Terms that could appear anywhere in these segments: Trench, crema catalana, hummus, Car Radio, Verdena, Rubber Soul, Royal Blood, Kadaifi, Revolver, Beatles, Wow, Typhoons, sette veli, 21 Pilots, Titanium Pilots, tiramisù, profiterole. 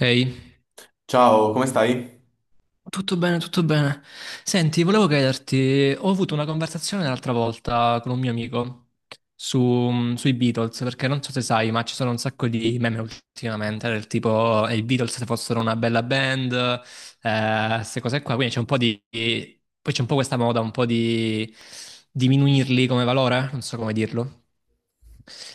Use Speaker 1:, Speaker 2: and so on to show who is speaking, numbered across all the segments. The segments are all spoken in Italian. Speaker 1: Ehi,
Speaker 2: Ciao, come stai?
Speaker 1: tutto bene, tutto bene. Senti, volevo chiederti, ho avuto una conversazione l'altra volta con un mio amico sui Beatles, perché non so se sai, ma ci sono un sacco di meme ultimamente, del tipo i Beatles se fossero una bella band, queste cose qua, quindi c'è un po' di poi c'è un po' questa moda, un po' di diminuirli come valore, non so come dirlo.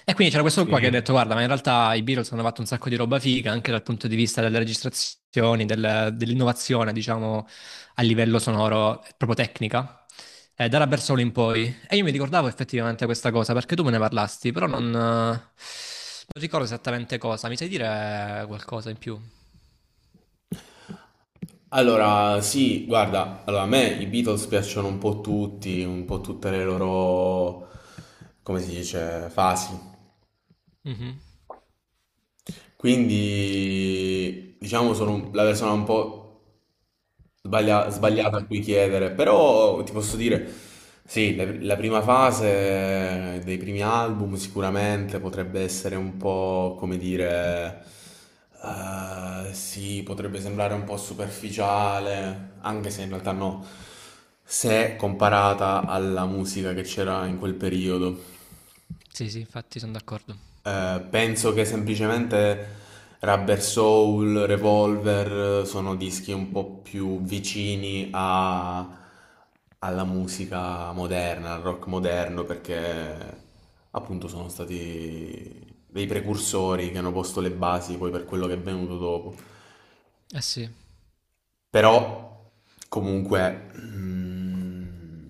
Speaker 1: E quindi c'era questo qua che ha
Speaker 2: Sì.
Speaker 1: detto: guarda, ma in realtà i Beatles hanno fatto un sacco di roba figa anche dal punto di vista delle registrazioni, dell'innovazione, diciamo, a livello sonoro, proprio tecnica, da Rubber Soul in poi. E io mi ricordavo effettivamente questa cosa perché tu me ne parlasti, però non ricordo esattamente cosa. Mi sai dire qualcosa in più?
Speaker 2: Allora, sì, guarda, allora, a me i Beatles piacciono un po' tutti, un po' tutte le loro, come si dice, fasi.
Speaker 1: Mhm.
Speaker 2: Quindi, diciamo, la persona un po' sbagliato a
Speaker 1: Sbagliata.
Speaker 2: cui chiedere, però ti posso dire, sì, la prima fase dei primi album sicuramente potrebbe essere un po', come dire, sì, potrebbe sembrare un po' superficiale, anche se in realtà no, se comparata alla musica che c'era in quel periodo.
Speaker 1: Sì, sì, infatti sono d'accordo.
Speaker 2: Penso che semplicemente Rubber Soul, Revolver sono dischi un po' più vicini alla musica moderna, al rock moderno, perché appunto sono stati dei precursori che hanno posto le basi poi per quello che è venuto dopo.
Speaker 1: Eh sì.
Speaker 2: Però comunque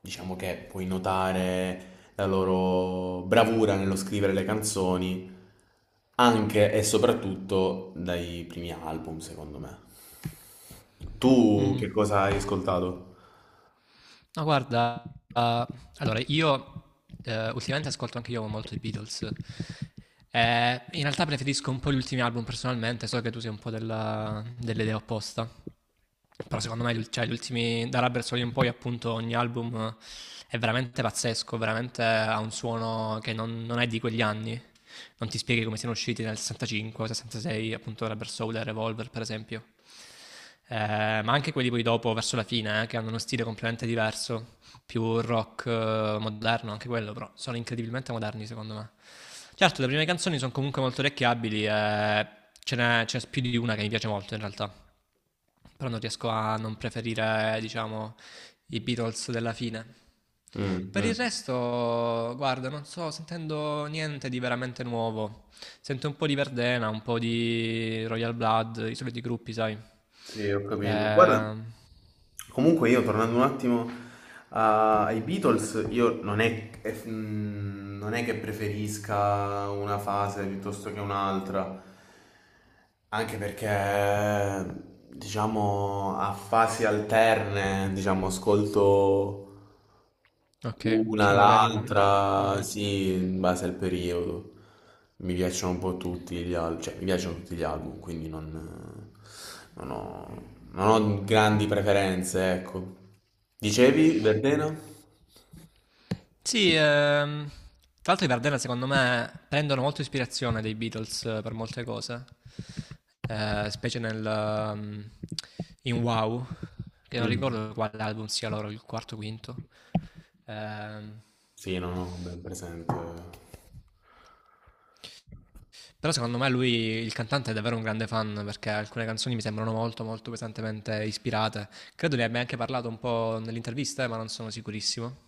Speaker 2: diciamo che puoi notare la loro bravura nello scrivere le canzoni anche e soprattutto dai primi album, secondo me. Tu
Speaker 1: Mm.
Speaker 2: che cosa hai ascoltato?
Speaker 1: Ma guarda, allora, io ultimamente ascolto anche io molto i Beatles. In realtà preferisco un po' gli ultimi album personalmente, so che tu sei un po' dell'idea opposta. Però secondo me, cioè, gli ultimi, da Rubber Soul in poi, appunto, ogni album è veramente pazzesco, veramente ha un suono che non è di quegli anni. Non ti spieghi come siano usciti nel 65, 66, appunto, Rubber Soul e Revolver, per esempio. Ma anche quelli poi dopo, verso la fine, che hanno uno stile completamente diverso più rock moderno, anche quello, però sono incredibilmente moderni secondo me. Certo, le prime canzoni sono comunque molto orecchiabili e ce n'è più di una che mi piace molto in realtà, però non riesco a non preferire, diciamo, i Beatles della fine.
Speaker 2: Mm,
Speaker 1: Per il
Speaker 2: mm.
Speaker 1: resto, guarda, non sto sentendo niente di veramente nuovo. Sento un po' di Verdena, un po' di Royal Blood, i soliti gruppi, sai.
Speaker 2: Sì, ho capito. Guarda.
Speaker 1: Eh,
Speaker 2: Comunque io tornando un attimo ai Beatles, io non è, non è che preferisca una fase piuttosto che un'altra, anche perché diciamo a fasi alterne, diciamo, ascolto
Speaker 1: ok,
Speaker 2: una,
Speaker 1: più una magari...
Speaker 2: l'altra,
Speaker 1: Mhm.
Speaker 2: sì, in base al periodo. Mi piacciono un po' tutti gli album, cioè mi piacciono tutti gli album, quindi non ho, non ho grandi preferenze, ecco. Dicevi, Verdena?
Speaker 1: Sì, tra l'altro i Vardena secondo me prendono molto ispirazione dai Beatles per molte cose, specie in Wow, che non
Speaker 2: Mm.
Speaker 1: ricordo quale album sia loro, il quarto o quinto. Ehm,
Speaker 2: Sì, non ho ben presente.
Speaker 1: però secondo me lui, il cantante, è davvero un grande fan perché alcune canzoni mi sembrano molto pesantemente ispirate. Credo ne abbia anche parlato un po' nell'intervista, ma non sono sicurissimo.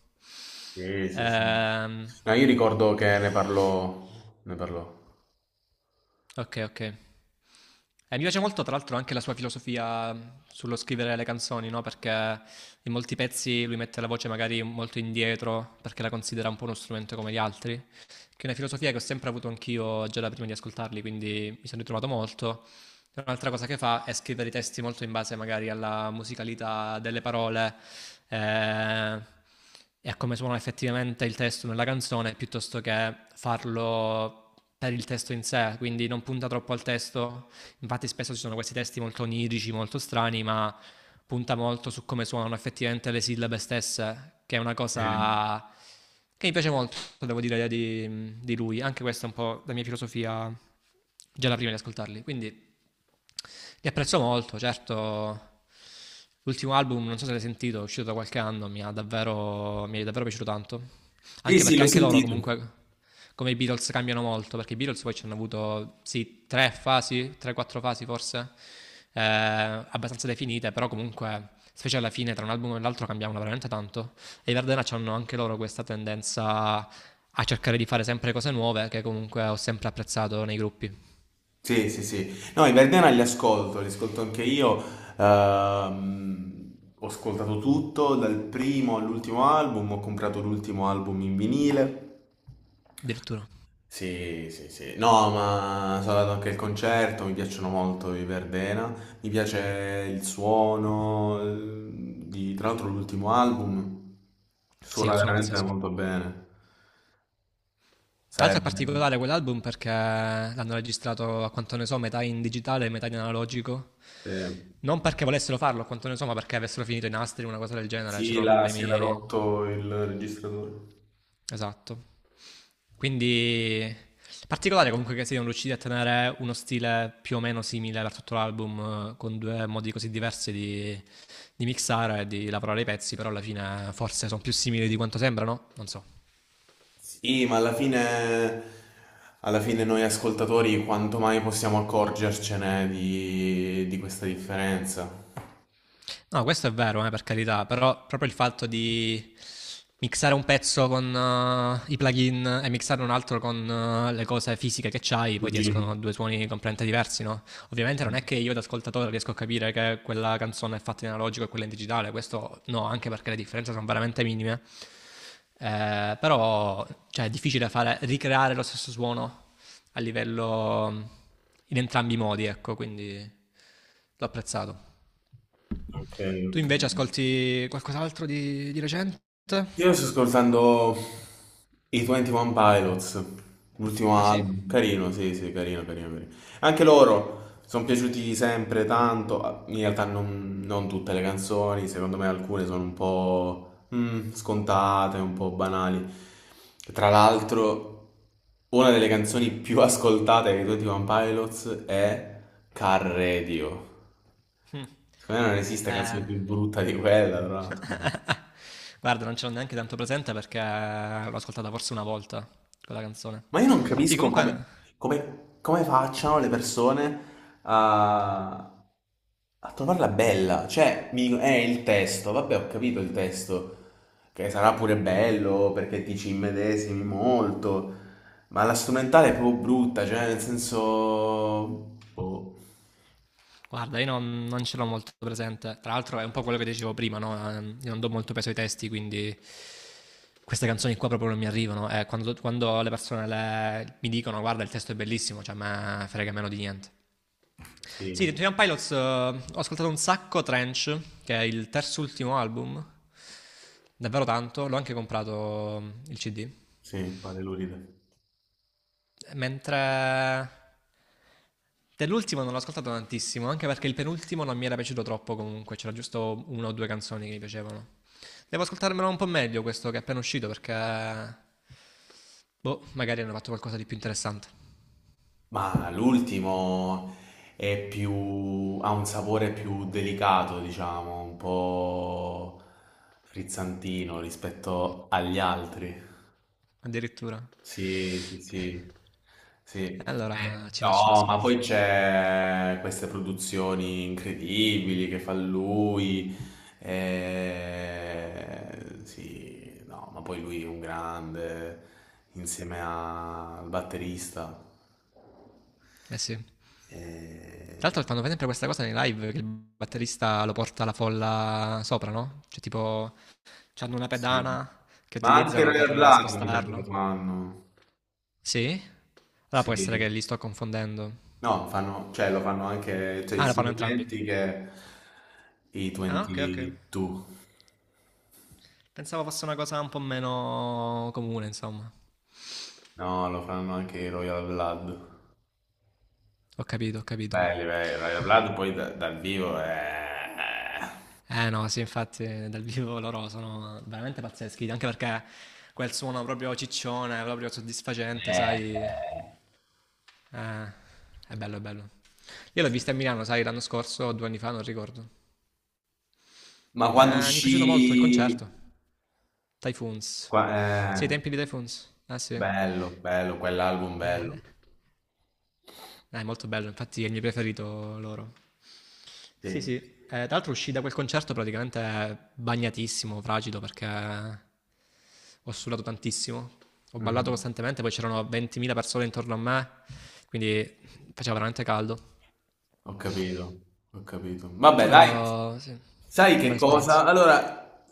Speaker 2: Sì, sì, sì.
Speaker 1: Ehm,
Speaker 2: No, io ricordo che ne parlò, ne parlò.
Speaker 1: Okay, okay. Mi piace molto tra l'altro anche la sua filosofia, sullo scrivere le canzoni, no, perché in molti pezzi lui mette la voce magari molto indietro, perché la considera un po' uno strumento come gli altri, che è una filosofia che ho sempre avuto anch'io già da prima di ascoltarli, quindi mi sono ritrovato molto. Cioè, un'altra cosa che fa è scrivere i testi molto in base magari alla musicalità delle parole eh, e a come suona effettivamente il testo nella canzone, piuttosto che farlo per il testo in sé, quindi non punta troppo al testo. Infatti spesso ci sono questi testi molto onirici, molto strani, ma punta molto su come suonano effettivamente le sillabe stesse, che è una
Speaker 2: Sì,
Speaker 1: cosa che mi piace molto, devo dire, di lui. Anche questa è un po' la mia filosofia già da prima di ascoltarli. Quindi li apprezzo molto, certo. L'ultimo album, non so se l'hai sentito, è uscito da qualche anno, mi è davvero piaciuto tanto.
Speaker 2: sì,
Speaker 1: Anche
Speaker 2: sì,
Speaker 1: perché
Speaker 2: l'ho
Speaker 1: anche loro
Speaker 2: sentito.
Speaker 1: comunque, come i Beatles, cambiano molto, perché i Beatles poi ci hanno avuto, sì, tre, quattro fasi forse, abbastanza definite, però comunque, specie alla fine, tra un album e l'altro cambiavano veramente tanto. E i Verdena hanno anche loro questa tendenza a cercare di fare sempre cose nuove, che comunque ho sempre apprezzato nei gruppi,
Speaker 2: Sì, sì, sì. No, i Verdena li ascolto anche io. Ho ascoltato tutto, dal primo all'ultimo album, ho comprato l'ultimo album in vinile.
Speaker 1: addirittura.
Speaker 2: Sì, sì, sì. No, ma sono andato anche al concerto, mi piacciono molto i Verdena. Mi piace il suono, tra l'altro l'ultimo album
Speaker 1: Sì, è un
Speaker 2: suona
Speaker 1: suono
Speaker 2: veramente
Speaker 1: pazzesco.
Speaker 2: molto bene.
Speaker 1: Tra l'altro è
Speaker 2: Sarebbe...
Speaker 1: particolare quell'album perché l'hanno registrato, a quanto ne so, metà in digitale e metà in analogico.
Speaker 2: Sì.
Speaker 1: Non perché volessero farlo, a quanto ne so, ma perché avessero finito i nastri, una cosa del genere,
Speaker 2: Sì,
Speaker 1: c'erano
Speaker 2: là si era
Speaker 1: problemi...
Speaker 2: rotto il registratore.
Speaker 1: Esatto. Quindi particolare comunque che siano riusciti a tenere uno stile più o meno simile per tutto l'album, con due modi così diversi di mixare e di lavorare i pezzi, però alla fine forse sono più simili di quanto sembrano, non so.
Speaker 2: Sì, ma alla fine noi ascoltatori quanto mai possiamo accorgercene di questa differenza?
Speaker 1: No, questo è vero, per carità, però proprio il fatto di mixare un pezzo con i plugin e mixare un altro con le cose fisiche che c'hai, poi ti
Speaker 2: Luigi.
Speaker 1: escono due suoni completamente diversi, no? Ovviamente non è che io da ascoltatore riesco a capire che quella canzone è fatta in analogico e quella in digitale, questo no, anche perché le differenze sono veramente minime. Però cioè, è difficile fare, ricreare lo stesso suono a livello in entrambi i modi, ecco, quindi l'ho apprezzato.
Speaker 2: Ok,
Speaker 1: Tu
Speaker 2: ok.
Speaker 1: invece ascolti qualcos'altro di recente?
Speaker 2: Io sto ascoltando i 21 Pilots, l'ultimo
Speaker 1: Ah sì?
Speaker 2: album, carino, sì, sì, carino, carino, carino. Anche loro sono piaciuti sempre tanto. Ah, in realtà non tutte le canzoni, secondo me alcune sono un po' scontate, un po' banali. Tra l'altro, una delle canzoni più ascoltate dei 21 Pilots è Car Radio.
Speaker 1: Mm.
Speaker 2: Secondo me non esiste
Speaker 1: Eh,
Speaker 2: canzone più brutta di quella, tra l'altro.
Speaker 1: guarda, non ce l'ho neanche tanto presente perché l'ho ascoltata forse una volta quella canzone.
Speaker 2: Ma io non
Speaker 1: Sì,
Speaker 2: capisco come,
Speaker 1: comunque,
Speaker 2: come facciano le persone a, a trovarla bella. Cioè, mi dicono, il testo, vabbè, ho capito il testo, che sarà pure bello perché ti ci immedesimi molto, ma la strumentale è proprio brutta, cioè, nel senso... Boh,
Speaker 1: guarda, io non, non ce l'ho molto presente. Tra l'altro, è un po' quello che dicevo prima, no? Io non do molto peso ai testi, quindi queste canzoni qua proprio non mi arrivano. Quando mi dicono, guarda, il testo è bellissimo, cioè, a me frega meno di niente. Sì,
Speaker 2: sì,
Speaker 1: Titanium Pilots, ho ascoltato un sacco Trench, che è il terzo ultimo album, davvero tanto, l'ho anche comprato il CD,
Speaker 2: sì, pare lurida.
Speaker 1: mentre dell'ultimo non l'ho ascoltato tantissimo, anche perché il penultimo non mi era piaciuto troppo comunque, c'era giusto una o due canzoni che mi piacevano. Devo ascoltarmelo un po' meglio questo che è appena uscito perché... Boh, magari hanno fatto qualcosa di più interessante,
Speaker 2: Ma l'ultimo è più, ha un sapore più delicato, diciamo, un po' frizzantino rispetto agli altri.
Speaker 1: addirittura.
Speaker 2: Sì, sì, sì, sì.
Speaker 1: E allora ci faccio un
Speaker 2: No, ma
Speaker 1: ascolto.
Speaker 2: poi c'è queste produzioni incredibili che fa lui. Eh, sì, no, ma poi lui è un grande insieme al batterista.
Speaker 1: Eh sì. Tra
Speaker 2: Eh,
Speaker 1: l'altro fanno sempre questa cosa nei live che il batterista lo porta alla folla sopra, no? Cioè tipo, hanno una
Speaker 2: Sì.
Speaker 1: pedana che
Speaker 2: Ma anche il
Speaker 1: utilizzano
Speaker 2: Royal
Speaker 1: per
Speaker 2: Blood mi sa che lo
Speaker 1: spostarlo.
Speaker 2: fanno.
Speaker 1: Sì? Allora
Speaker 2: Sì.
Speaker 1: può essere che li sto confondendo.
Speaker 2: No, fanno, cioè lo fanno anche, cioè i
Speaker 1: Ah, lo fanno entrambi.
Speaker 2: equivalenti che i
Speaker 1: Ah, ok, ok.
Speaker 2: 22.
Speaker 1: Pensavo fosse una cosa un po' meno comune, insomma.
Speaker 2: No, lo fanno anche i Royal Blood.
Speaker 1: Ho capito, ho capito.
Speaker 2: Belli, belli. Royal Blood poi dal vivo
Speaker 1: Eh no, sì, infatti dal vivo loro sono veramente pazzeschi, anche perché quel suono proprio ciccione, proprio soddisfacente, sai,
Speaker 2: è-
Speaker 1: Ah, è bello, è bello. Io l'ho vista a Milano, sai, l'anno scorso o due anni fa, non ricordo.
Speaker 2: Ma quando
Speaker 1: Mi è piaciuto molto il
Speaker 2: uscì...
Speaker 1: concerto. Typhoons.
Speaker 2: qua-
Speaker 1: Sì, ai
Speaker 2: eh,
Speaker 1: tempi di Typhoons. Ah, sì.
Speaker 2: bello, bello, quell'album bello.
Speaker 1: È molto bello, infatti è il mio preferito loro. Sì,
Speaker 2: Sì.
Speaker 1: sì. Tra l'altro uscì da quel concerto praticamente bagnatissimo, fragido, perché ho sudato tantissimo. Ho ballato
Speaker 2: Mm.
Speaker 1: costantemente, poi c'erano 20.000 persone intorno a me, quindi faceva veramente caldo.
Speaker 2: Ho capito, ho capito. Vabbè, Mm. Dai,
Speaker 1: Però, sì, una
Speaker 2: sai che
Speaker 1: bella esperienza.
Speaker 2: cosa? Allora,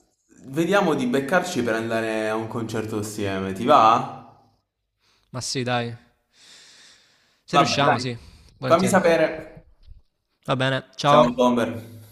Speaker 2: vediamo di beccarci per andare a un concerto assieme, ti va?
Speaker 1: Ma sì, dai. Se
Speaker 2: Vabbè,
Speaker 1: riusciamo,
Speaker 2: dai,
Speaker 1: sì,
Speaker 2: fammi
Speaker 1: volentieri.
Speaker 2: sapere.
Speaker 1: Va bene, ciao.
Speaker 2: Ciao, Bomber.